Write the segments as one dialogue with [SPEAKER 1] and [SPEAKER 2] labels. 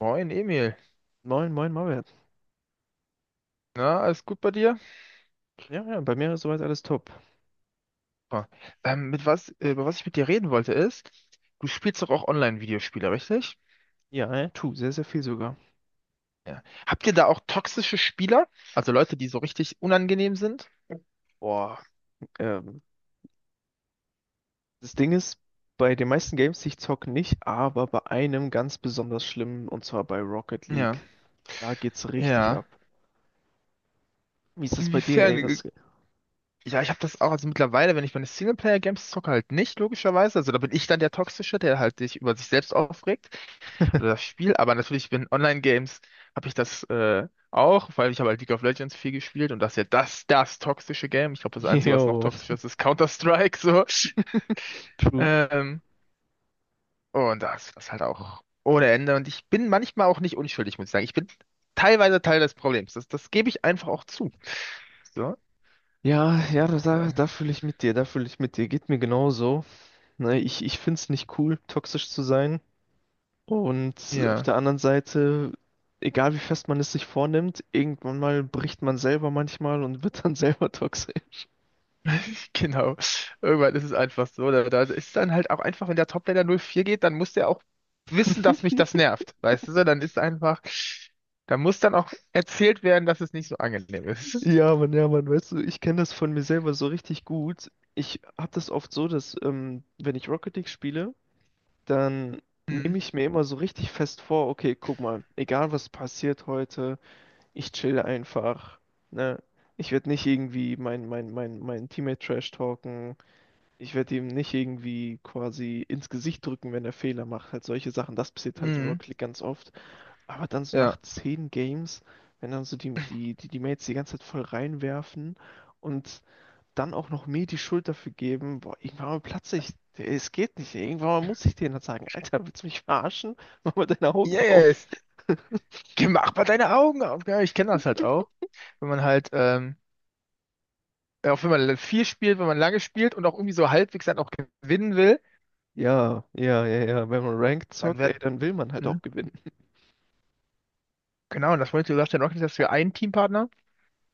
[SPEAKER 1] Moin Emil,
[SPEAKER 2] Moin, moin, Maulwert.
[SPEAKER 1] na, alles gut bei dir?
[SPEAKER 2] Ja, ja, bei mir ist soweit alles top.
[SPEAKER 1] Super. Über was ich mit dir reden wollte ist, du spielst doch auch Online-Videospiele, richtig?
[SPEAKER 2] Ja, tu, sehr, sehr viel sogar.
[SPEAKER 1] Ja. Habt ihr da auch toxische Spieler? Also Leute, die so richtig unangenehm sind?
[SPEAKER 2] Boah, ähm, das Ding ist, bei den meisten Games, die ich zocke, nicht, aber bei einem ganz besonders schlimm, und zwar bei Rocket
[SPEAKER 1] Ja.
[SPEAKER 2] League. Da geht's richtig
[SPEAKER 1] Ja.
[SPEAKER 2] ab. Wie ist das bei dir,
[SPEAKER 1] Inwiefern?
[SPEAKER 2] ey? Was?
[SPEAKER 1] Ja, ich habe das auch, also mittlerweile, wenn ich meine Singleplayer-Games zocke, halt nicht, logischerweise. Also da bin ich dann der Toxische, der halt sich über sich selbst aufregt oder das Spiel. Aber natürlich bin Online-Games, habe ich das auch, weil ich habe halt League of Legends viel gespielt und das ist ja das toxische Game. Ich glaube, das Einzige, was noch
[SPEAKER 2] Yo,
[SPEAKER 1] toxischer ist, ist Counter-Strike, so.
[SPEAKER 2] true.
[SPEAKER 1] Ähm, und das ist halt auch ohne Ende. Und ich bin manchmal auch nicht unschuldig, muss ich sagen. Ich bin teilweise Teil des Problems. Das gebe ich einfach auch zu. So.
[SPEAKER 2] Ja, ja, da fühle ich mit dir, da fühle ich mit dir. Geht mir genauso. Ne, ich find's nicht cool, toxisch zu sein. Und auf
[SPEAKER 1] Ja.
[SPEAKER 2] der anderen Seite, egal wie fest man es sich vornimmt, irgendwann mal bricht man selber manchmal und wird dann selber toxisch.
[SPEAKER 1] Genau. Irgendwann ist es einfach so. Da ist dann halt auch einfach, wenn der Toplaner 0-4 geht, dann muss der auch wissen, dass mich das nervt. Weißt du, so, dann ist einfach, da muss dann auch erzählt werden, dass es nicht so angenehm ist.
[SPEAKER 2] Ja, Mann, weißt du, ich kenne das von mir selber so richtig gut. Ich habe das oft so, dass wenn ich Rocket League spiele, dann
[SPEAKER 1] Mhm.
[SPEAKER 2] nehme ich mir immer so richtig fest vor, okay, guck mal, egal was passiert heute, ich chill einfach, ne? Ich werde nicht irgendwie mein Teammate trash talken. Ich werde ihm nicht irgendwie quasi ins Gesicht drücken, wenn er Fehler macht. Halt solche Sachen, das passiert halt in
[SPEAKER 1] Mhm.
[SPEAKER 2] Rocket League ganz oft. Aber dann so nach
[SPEAKER 1] Ja.
[SPEAKER 2] zehn Games, wenn dann so die Mates die ganze Zeit voll reinwerfen und dann auch noch mir die Schuld dafür geben, boah, irgendwann mal platze ich. Es geht nicht. Irgendwann mal muss ich denen dann sagen, Alter, willst du mich verarschen? Mach mal deine Augen auf.
[SPEAKER 1] Yes. Mach mal deine Augen auf. Ja, ich kenne das halt auch. Wenn man halt, ja, auch wenn man viel spielt, wenn man lange spielt und auch irgendwie so halbwegs dann auch gewinnen will,
[SPEAKER 2] Ja, ja, ja, ja. Wenn man Ranked
[SPEAKER 1] dann
[SPEAKER 2] zockt,
[SPEAKER 1] wird,
[SPEAKER 2] ey, dann will man halt
[SPEAKER 1] mhm.
[SPEAKER 2] auch gewinnen.
[SPEAKER 1] Genau, und das wollte Last in Rocket, dass wir einen Teampartner.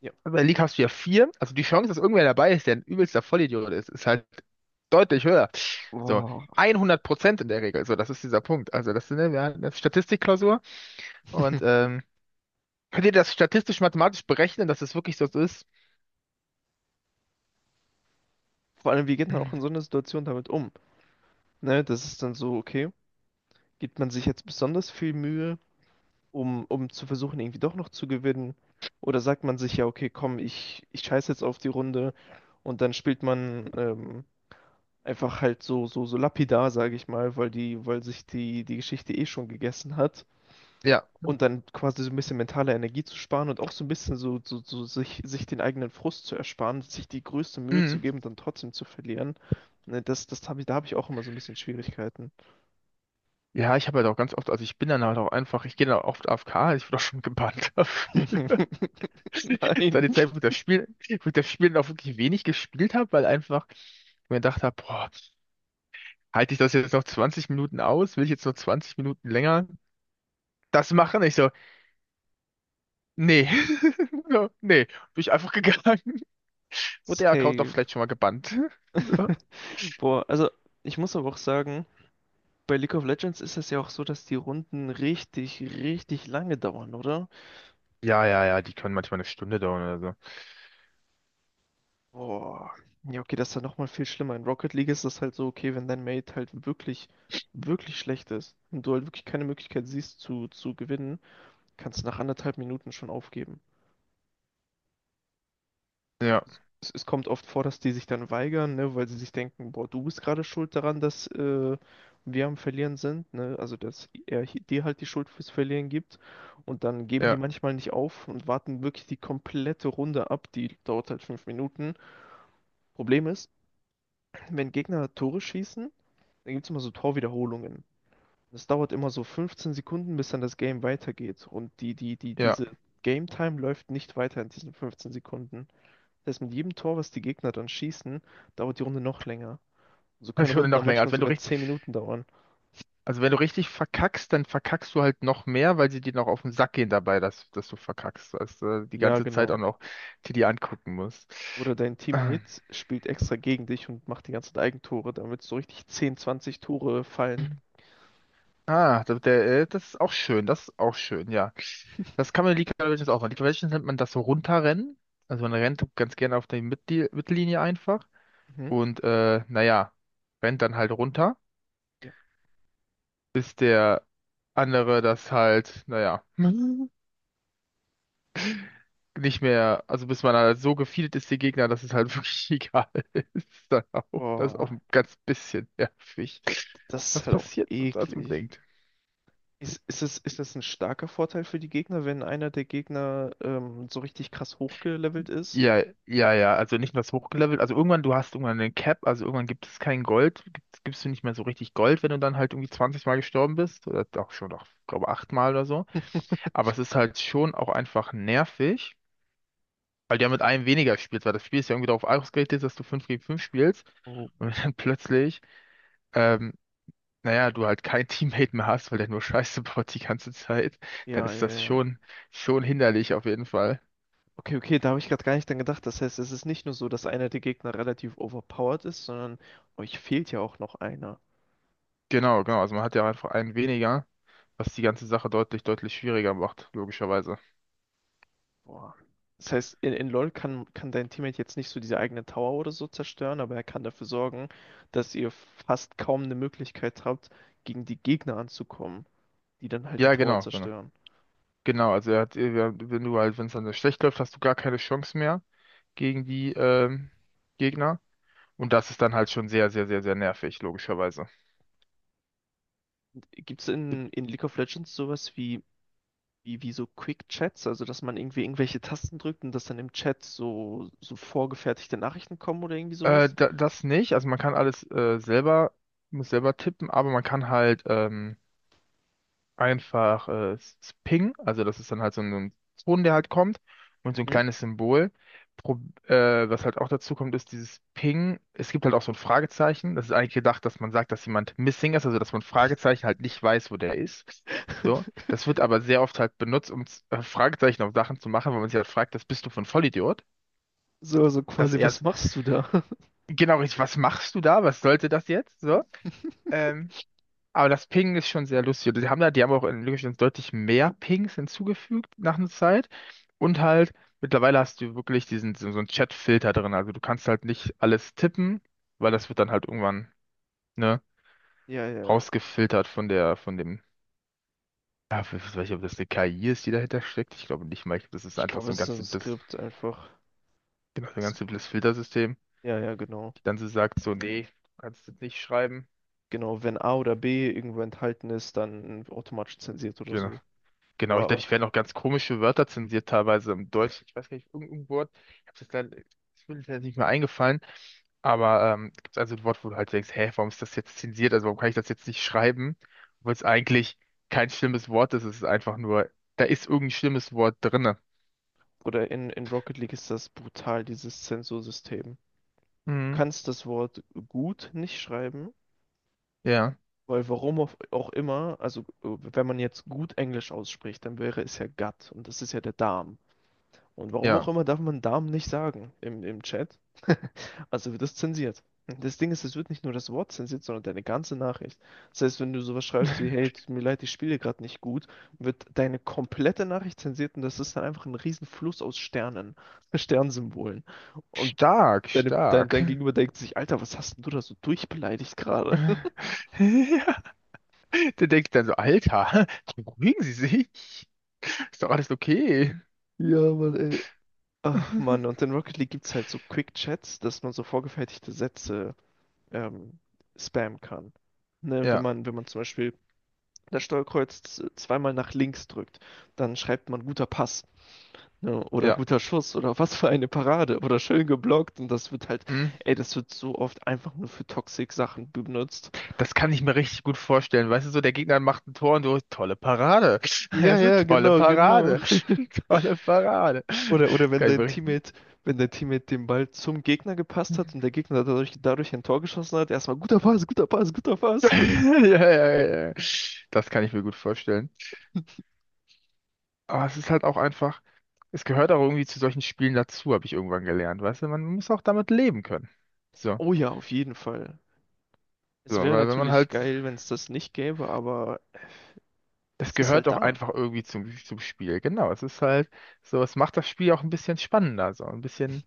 [SPEAKER 2] Ja.
[SPEAKER 1] Aber in der League hast du ja vier. Also die Chance, dass irgendwer dabei ist, der ein übelster Vollidiot ist, ist halt deutlich höher. So,
[SPEAKER 2] Boah.
[SPEAKER 1] 100% in der Regel. So, das ist dieser Punkt. Also das, ist, ne, wir hatten eine Statistikklausur. Und könnt ihr das statistisch-mathematisch berechnen, dass es wirklich so ist?
[SPEAKER 2] Vor allem, wie geht man auch in so einer Situation damit um? Ne, das ist dann so, okay, Gibt man sich jetzt besonders viel Mühe, um zu versuchen, irgendwie doch noch zu gewinnen? Oder sagt man sich ja, okay, komm, ich scheiß jetzt auf die Runde und dann spielt man einfach halt so lapidar, sage ich mal, weil sich die Geschichte eh schon gegessen hat.
[SPEAKER 1] Ja.
[SPEAKER 2] Und dann quasi so ein bisschen mentale Energie zu sparen und auch so ein bisschen so sich den eigenen Frust zu ersparen, sich die größte Mühe zu
[SPEAKER 1] Mhm.
[SPEAKER 2] geben und dann trotzdem zu verlieren. Ne, da habe ich auch immer so ein bisschen Schwierigkeiten.
[SPEAKER 1] Ja, ich habe halt auch ganz oft, also ich bin dann halt auch einfach, ich gehe dann oft AFK. Ich wurde auch schon gebannt dafür. Das war
[SPEAKER 2] Nein.
[SPEAKER 1] die Zeit, wo ich das Spiel, wo ich das Spiel dann auch wirklich wenig gespielt habe, weil einfach ich mir gedacht habe, boah, halte ich das jetzt noch 20 Minuten aus? Will ich jetzt noch 20 Minuten länger das machen? Ich so, nee, so, nee, bin ich einfach gegangen. Wurde der Account doch
[SPEAKER 2] Safe.
[SPEAKER 1] vielleicht schon mal gebannt. So.
[SPEAKER 2] Boah, also ich muss aber auch sagen, bei League of Legends ist es ja auch so, dass die Runden richtig, richtig lange dauern, oder?
[SPEAKER 1] Ja, ja, ja, die können manchmal eine Stunde dauern oder so.
[SPEAKER 2] Boah. Ja, okay, das ist ja nochmal viel schlimmer. In Rocket League ist das halt so, okay, wenn dein Mate halt wirklich, wirklich schlecht ist und du halt wirklich keine Möglichkeit siehst zu gewinnen, kannst du nach anderthalb Minuten schon aufgeben.
[SPEAKER 1] Ja,
[SPEAKER 2] Es kommt oft vor, dass die sich dann weigern, ne, weil sie sich denken, boah, du bist gerade schuld daran, dass wir am Verlieren sind, ne? Also dass er dir halt die Schuld fürs Verlieren gibt. Und dann geben die
[SPEAKER 1] ja,
[SPEAKER 2] manchmal nicht auf und warten wirklich die komplette Runde ab. Die dauert halt 5 Minuten. Problem ist, wenn Gegner Tore schießen, dann gibt es immer so Torwiederholungen. Das dauert immer so 15 Sekunden, bis dann das Game weitergeht. Und
[SPEAKER 1] ja.
[SPEAKER 2] diese Game Time läuft nicht weiter in diesen 15 Sekunden. Erst mit jedem Tor, was die Gegner dann schießen, dauert die Runde noch länger. So können
[SPEAKER 1] Das würde
[SPEAKER 2] Runden
[SPEAKER 1] noch
[SPEAKER 2] dann
[SPEAKER 1] länger.
[SPEAKER 2] manchmal sogar 10 Minuten dauern.
[SPEAKER 1] Also wenn du richtig verkackst, dann verkackst du halt noch mehr, weil sie dir noch auf den Sack gehen dabei, dass du verkackst, dass du die
[SPEAKER 2] Ja,
[SPEAKER 1] ganze Zeit auch
[SPEAKER 2] genau.
[SPEAKER 1] noch dir die angucken musst.
[SPEAKER 2] Oder dein
[SPEAKER 1] Ah.
[SPEAKER 2] Teammate spielt extra gegen dich und macht die ganze Zeit Eigentore, damit so richtig zehn zwanzig Tore fallen.
[SPEAKER 1] Ah, das ist auch schön, das ist auch schön, ja. Das kann man in League of Legends auch machen. League of Legends nennt man das so runterrennen. Also man rennt ganz gerne auf die Mittellinie einfach
[SPEAKER 2] Mhm.
[SPEAKER 1] und naja, rennt dann halt runter,
[SPEAKER 2] Ja.
[SPEAKER 1] bis der andere das halt, naja, nicht mehr, also bis man halt so gefeedet ist, die Gegner, dass es halt wirklich egal ist. Dann auch, das ist auch
[SPEAKER 2] Boah,
[SPEAKER 1] ein ganz bisschen nervig.
[SPEAKER 2] das ist
[SPEAKER 1] Das
[SPEAKER 2] halt auch
[SPEAKER 1] passiert, als man
[SPEAKER 2] eklig.
[SPEAKER 1] denkt.
[SPEAKER 2] Ist das ein starker Vorteil für die Gegner, wenn einer der Gegner so richtig krass hochgelevelt ist?
[SPEAKER 1] Ja, ja, ja, also nicht mehr so hochgelevelt. Also irgendwann, du hast irgendwann einen Cap, also irgendwann gibt es kein Gold, gibst du nicht mehr so richtig Gold, wenn du dann halt irgendwie 20 Mal gestorben bist. Oder auch schon, auch, glaube acht Mal oder so. Aber es ist halt schon auch einfach nervig, weil du ja mit einem weniger spielst, weil das Spiel ist ja irgendwie darauf ausgerichtet, dass du 5 gegen 5 spielst.
[SPEAKER 2] Oh,
[SPEAKER 1] Und wenn dann plötzlich, ähm, naja, du halt kein Teammate mehr hast, weil der nur Scheiße baut die ganze Zeit, dann
[SPEAKER 2] ja,
[SPEAKER 1] ist
[SPEAKER 2] ja,
[SPEAKER 1] das
[SPEAKER 2] ja.
[SPEAKER 1] schon hinderlich auf jeden Fall.
[SPEAKER 2] Okay, okay, da habe ich gerade gar nicht dran gedacht. Das heißt, es ist nicht nur so, dass einer der Gegner relativ overpowered ist, sondern euch fehlt ja auch noch einer.
[SPEAKER 1] Genau, genau. Also man hat ja einfach einen weniger, was die ganze Sache deutlich, deutlich schwieriger macht, logischerweise.
[SPEAKER 2] Boah. Das heißt, in LoL kann dein Teammate jetzt nicht so diese eigene Tower oder so zerstören, aber er kann dafür sorgen, dass ihr fast kaum eine Möglichkeit habt, gegen die Gegner anzukommen, die dann halt die
[SPEAKER 1] Ja,
[SPEAKER 2] Tower
[SPEAKER 1] genau, genau.
[SPEAKER 2] zerstören.
[SPEAKER 1] Genau, also er hat, wenn du halt, wenn es dann schlecht läuft, hast du gar keine Chance mehr gegen die Gegner. Und das ist dann halt schon sehr, sehr, sehr, sehr nervig, logischerweise.
[SPEAKER 2] Gibt es in League of Legends sowas wie so Quick Chats, also dass man irgendwie irgendwelche Tasten drückt und dass dann im Chat so vorgefertigte Nachrichten kommen oder irgendwie sowas?
[SPEAKER 1] Da, das nicht. Also man kann alles selber, muss selber tippen, aber man kann halt einfach Ping, also das ist dann halt so ein Ton, der halt kommt und so ein
[SPEAKER 2] Mhm.
[SPEAKER 1] kleines Symbol. Pro, Was halt auch dazu kommt, ist dieses Ping. Es gibt halt auch so ein Fragezeichen. Das ist eigentlich gedacht, dass man sagt, dass jemand missing ist, also dass man Fragezeichen halt nicht weiß, wo der ist. So, das wird aber sehr oft halt benutzt, um Fragezeichen auf Sachen zu machen, weil man sich halt fragt, das bist du von Vollidiot?
[SPEAKER 2] So, also
[SPEAKER 1] Das
[SPEAKER 2] quasi, was
[SPEAKER 1] erst,
[SPEAKER 2] machst du da?
[SPEAKER 1] genau richtig, was machst du da? Was sollte das jetzt? So, ähm, aber das Ping ist schon sehr lustig. Die haben auch in League of Legends deutlich mehr Pings hinzugefügt nach einer Zeit. Und halt, mittlerweile hast du wirklich diesen, so so einen Chat-Filter drin. Also du kannst halt nicht alles tippen, weil
[SPEAKER 2] Ja,
[SPEAKER 1] das wird dann halt irgendwann, ne,
[SPEAKER 2] ja, ja, ja.
[SPEAKER 1] rausgefiltert von der, ja, ich weiß nicht, ob das eine KI ist, die dahinter steckt. Ich glaube nicht mal. Ich glaub, das ist
[SPEAKER 2] Ich
[SPEAKER 1] einfach
[SPEAKER 2] glaube,
[SPEAKER 1] so ein
[SPEAKER 2] es ist so
[SPEAKER 1] ganz
[SPEAKER 2] ein
[SPEAKER 1] simples,
[SPEAKER 2] Skript einfach.
[SPEAKER 1] genau, so ein
[SPEAKER 2] S-
[SPEAKER 1] ganz simples Filtersystem,
[SPEAKER 2] Ja, ja, genau.
[SPEAKER 1] die dann so sagt, so, nee, kannst du nicht schreiben.
[SPEAKER 2] Genau, wenn A oder B irgendwo enthalten ist, dann automatisch zensiert oder
[SPEAKER 1] Genau.
[SPEAKER 2] so.
[SPEAKER 1] Genau,
[SPEAKER 2] Boah,
[SPEAKER 1] ich glaube,
[SPEAKER 2] aber,
[SPEAKER 1] ich werde auch ganz komische Wörter zensiert, teilweise im Deutschen. Ich weiß gar nicht, irgendein Wort. Ich habe das leider, das will jetzt nicht mehr eingefallen. Aber gibt also ein Wort, wo du halt denkst, hä, warum ist das jetzt zensiert? Also warum kann ich das jetzt nicht schreiben? Obwohl es eigentlich kein schlimmes Wort ist. Es ist einfach nur, da ist irgendein schlimmes Wort drinne.
[SPEAKER 2] oder in Rocket League ist das brutal, dieses Zensursystem. Du
[SPEAKER 1] Mhm.
[SPEAKER 2] kannst das Wort gut nicht schreiben,
[SPEAKER 1] Ja,
[SPEAKER 2] weil warum auch immer, also wenn man jetzt gut Englisch ausspricht, dann wäre es ja gut und das ist ja der Darm. Und warum auch
[SPEAKER 1] ja.
[SPEAKER 2] immer darf man Damen nicht sagen im Chat. Also wird das zensiert. Das Ding ist, es wird nicht nur das Wort zensiert, sondern deine ganze Nachricht. Das heißt, wenn du sowas schreibst wie, hey, tut mir leid, ich spiele gerade nicht gut, wird deine komplette Nachricht zensiert und das ist dann einfach ein riesen Fluss aus Sternen, Sternsymbolen. Und
[SPEAKER 1] Stark,
[SPEAKER 2] deine, dein,
[SPEAKER 1] stark.
[SPEAKER 2] dein Gegenüber denkt sich, Alter, was hast denn du da so durchbeleidigt gerade?
[SPEAKER 1] Ja. Da denkt dann so, Alter, beruhigen Sie sich. Ist doch alles okay.
[SPEAKER 2] Ja, Mann, ey. Ach Mann, und in Rocket League gibt's halt so Quick Chats, dass man so vorgefertigte Sätze ähm, spammen kann. Ne, wenn
[SPEAKER 1] Ja,
[SPEAKER 2] man, wenn man zum Beispiel das Steuerkreuz zweimal nach links drückt, dann schreibt man guter Pass, ne, oder
[SPEAKER 1] ja.
[SPEAKER 2] guter Schuss oder was für eine Parade oder schön geblockt und das wird halt, ey, das wird so oft einfach nur für Toxic-Sachen benutzt.
[SPEAKER 1] Das kann ich mir richtig gut vorstellen. Weißt du, so der Gegner macht ein Tor und du, tolle Parade.
[SPEAKER 2] Ja,
[SPEAKER 1] Also,
[SPEAKER 2] ja,
[SPEAKER 1] tolle
[SPEAKER 2] genau, genau.
[SPEAKER 1] Parade. Tolle Parade. Das
[SPEAKER 2] Oder
[SPEAKER 1] kann ich mir richtig.
[SPEAKER 2] Wenn dein Teammate den Ball zum Gegner gepasst hat und der Gegner dadurch ein Tor geschossen hat, erstmal guter Pass, guter Pass, guter
[SPEAKER 1] Ja,
[SPEAKER 2] Pass.
[SPEAKER 1] ja, ja, ja. Das kann ich mir gut vorstellen. Aber es ist halt auch einfach, es gehört auch irgendwie zu solchen Spielen dazu, habe ich irgendwann gelernt. Weißt du, man muss auch damit leben können. So,
[SPEAKER 2] Oh ja, auf jeden Fall.
[SPEAKER 1] so,
[SPEAKER 2] Es wäre
[SPEAKER 1] weil wenn man
[SPEAKER 2] natürlich
[SPEAKER 1] halt,
[SPEAKER 2] geil, wenn es das nicht gäbe, aber
[SPEAKER 1] das
[SPEAKER 2] es ist
[SPEAKER 1] gehört
[SPEAKER 2] halt
[SPEAKER 1] doch
[SPEAKER 2] da.
[SPEAKER 1] einfach irgendwie zum Spiel. Genau, es ist halt so, es macht das Spiel auch ein bisschen spannender, so ein bisschen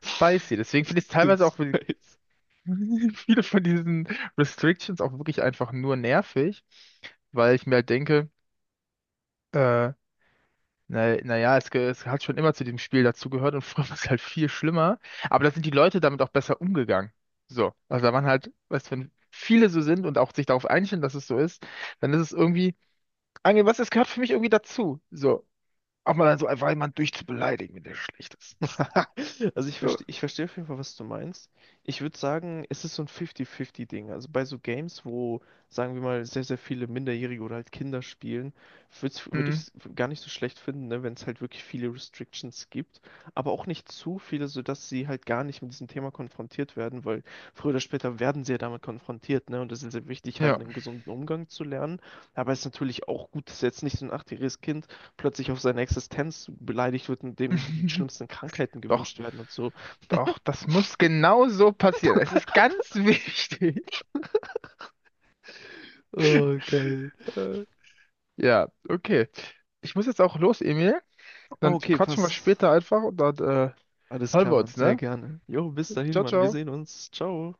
[SPEAKER 1] spicy. Deswegen
[SPEAKER 2] Das
[SPEAKER 1] finde ich es
[SPEAKER 2] Sind
[SPEAKER 1] teilweise auch
[SPEAKER 2] zwei.
[SPEAKER 1] viele von diesen Restrictions auch wirklich einfach nur nervig, weil ich mir halt denke, äh, naja, es hat schon immer zu dem Spiel dazugehört und früher war es halt viel schlimmer, aber da sind die Leute damit auch besser umgegangen. So, also da waren halt, weißt du, wenn viele so sind und auch sich darauf einstellen, dass es so ist, dann ist es irgendwie, Angel, was, es gehört für mich irgendwie dazu. So, auch mal so einfach jemanden durchzubeleidigen, wenn der schlecht ist.
[SPEAKER 2] Also
[SPEAKER 1] So,
[SPEAKER 2] ich verstehe auf jeden Fall, was du meinst. Ich würde sagen, es ist so ein 50-50-Ding. Also bei so Games, wo, sagen wir mal, sehr, sehr viele Minderjährige oder halt Kinder spielen, würde ich
[SPEAKER 1] mm,
[SPEAKER 2] es gar nicht so schlecht finden, ne, wenn es halt wirklich viele Restrictions gibt, aber auch nicht zu viele, sodass sie halt gar nicht mit diesem Thema konfrontiert werden, weil früher oder später werden sie ja damit konfrontiert, ne? Und das ist sehr wichtig, halt
[SPEAKER 1] ja.
[SPEAKER 2] einen gesunden Umgang zu lernen. Aber es ist natürlich auch gut, dass jetzt nicht so ein achtjähriges Kind plötzlich auf seine Existenz beleidigt wird und dem die schlimmsten Krankheiten
[SPEAKER 1] Doch.
[SPEAKER 2] gewünscht werden und so.
[SPEAKER 1] Doch, das muss genau so passieren. Es ist ganz wichtig.
[SPEAKER 2] Oh, geil.
[SPEAKER 1] Äh, Ja, okay. Ich muss jetzt auch los, Emil. Dann
[SPEAKER 2] Okay,
[SPEAKER 1] quatschen wir
[SPEAKER 2] passt.
[SPEAKER 1] später einfach und dann
[SPEAKER 2] Alles
[SPEAKER 1] hören
[SPEAKER 2] klar,
[SPEAKER 1] wir
[SPEAKER 2] Mann.
[SPEAKER 1] uns,
[SPEAKER 2] Sehr
[SPEAKER 1] ne?
[SPEAKER 2] gerne. Jo, bis dahin,
[SPEAKER 1] Ciao,
[SPEAKER 2] Mann. Wir
[SPEAKER 1] ciao.
[SPEAKER 2] sehen uns. Ciao.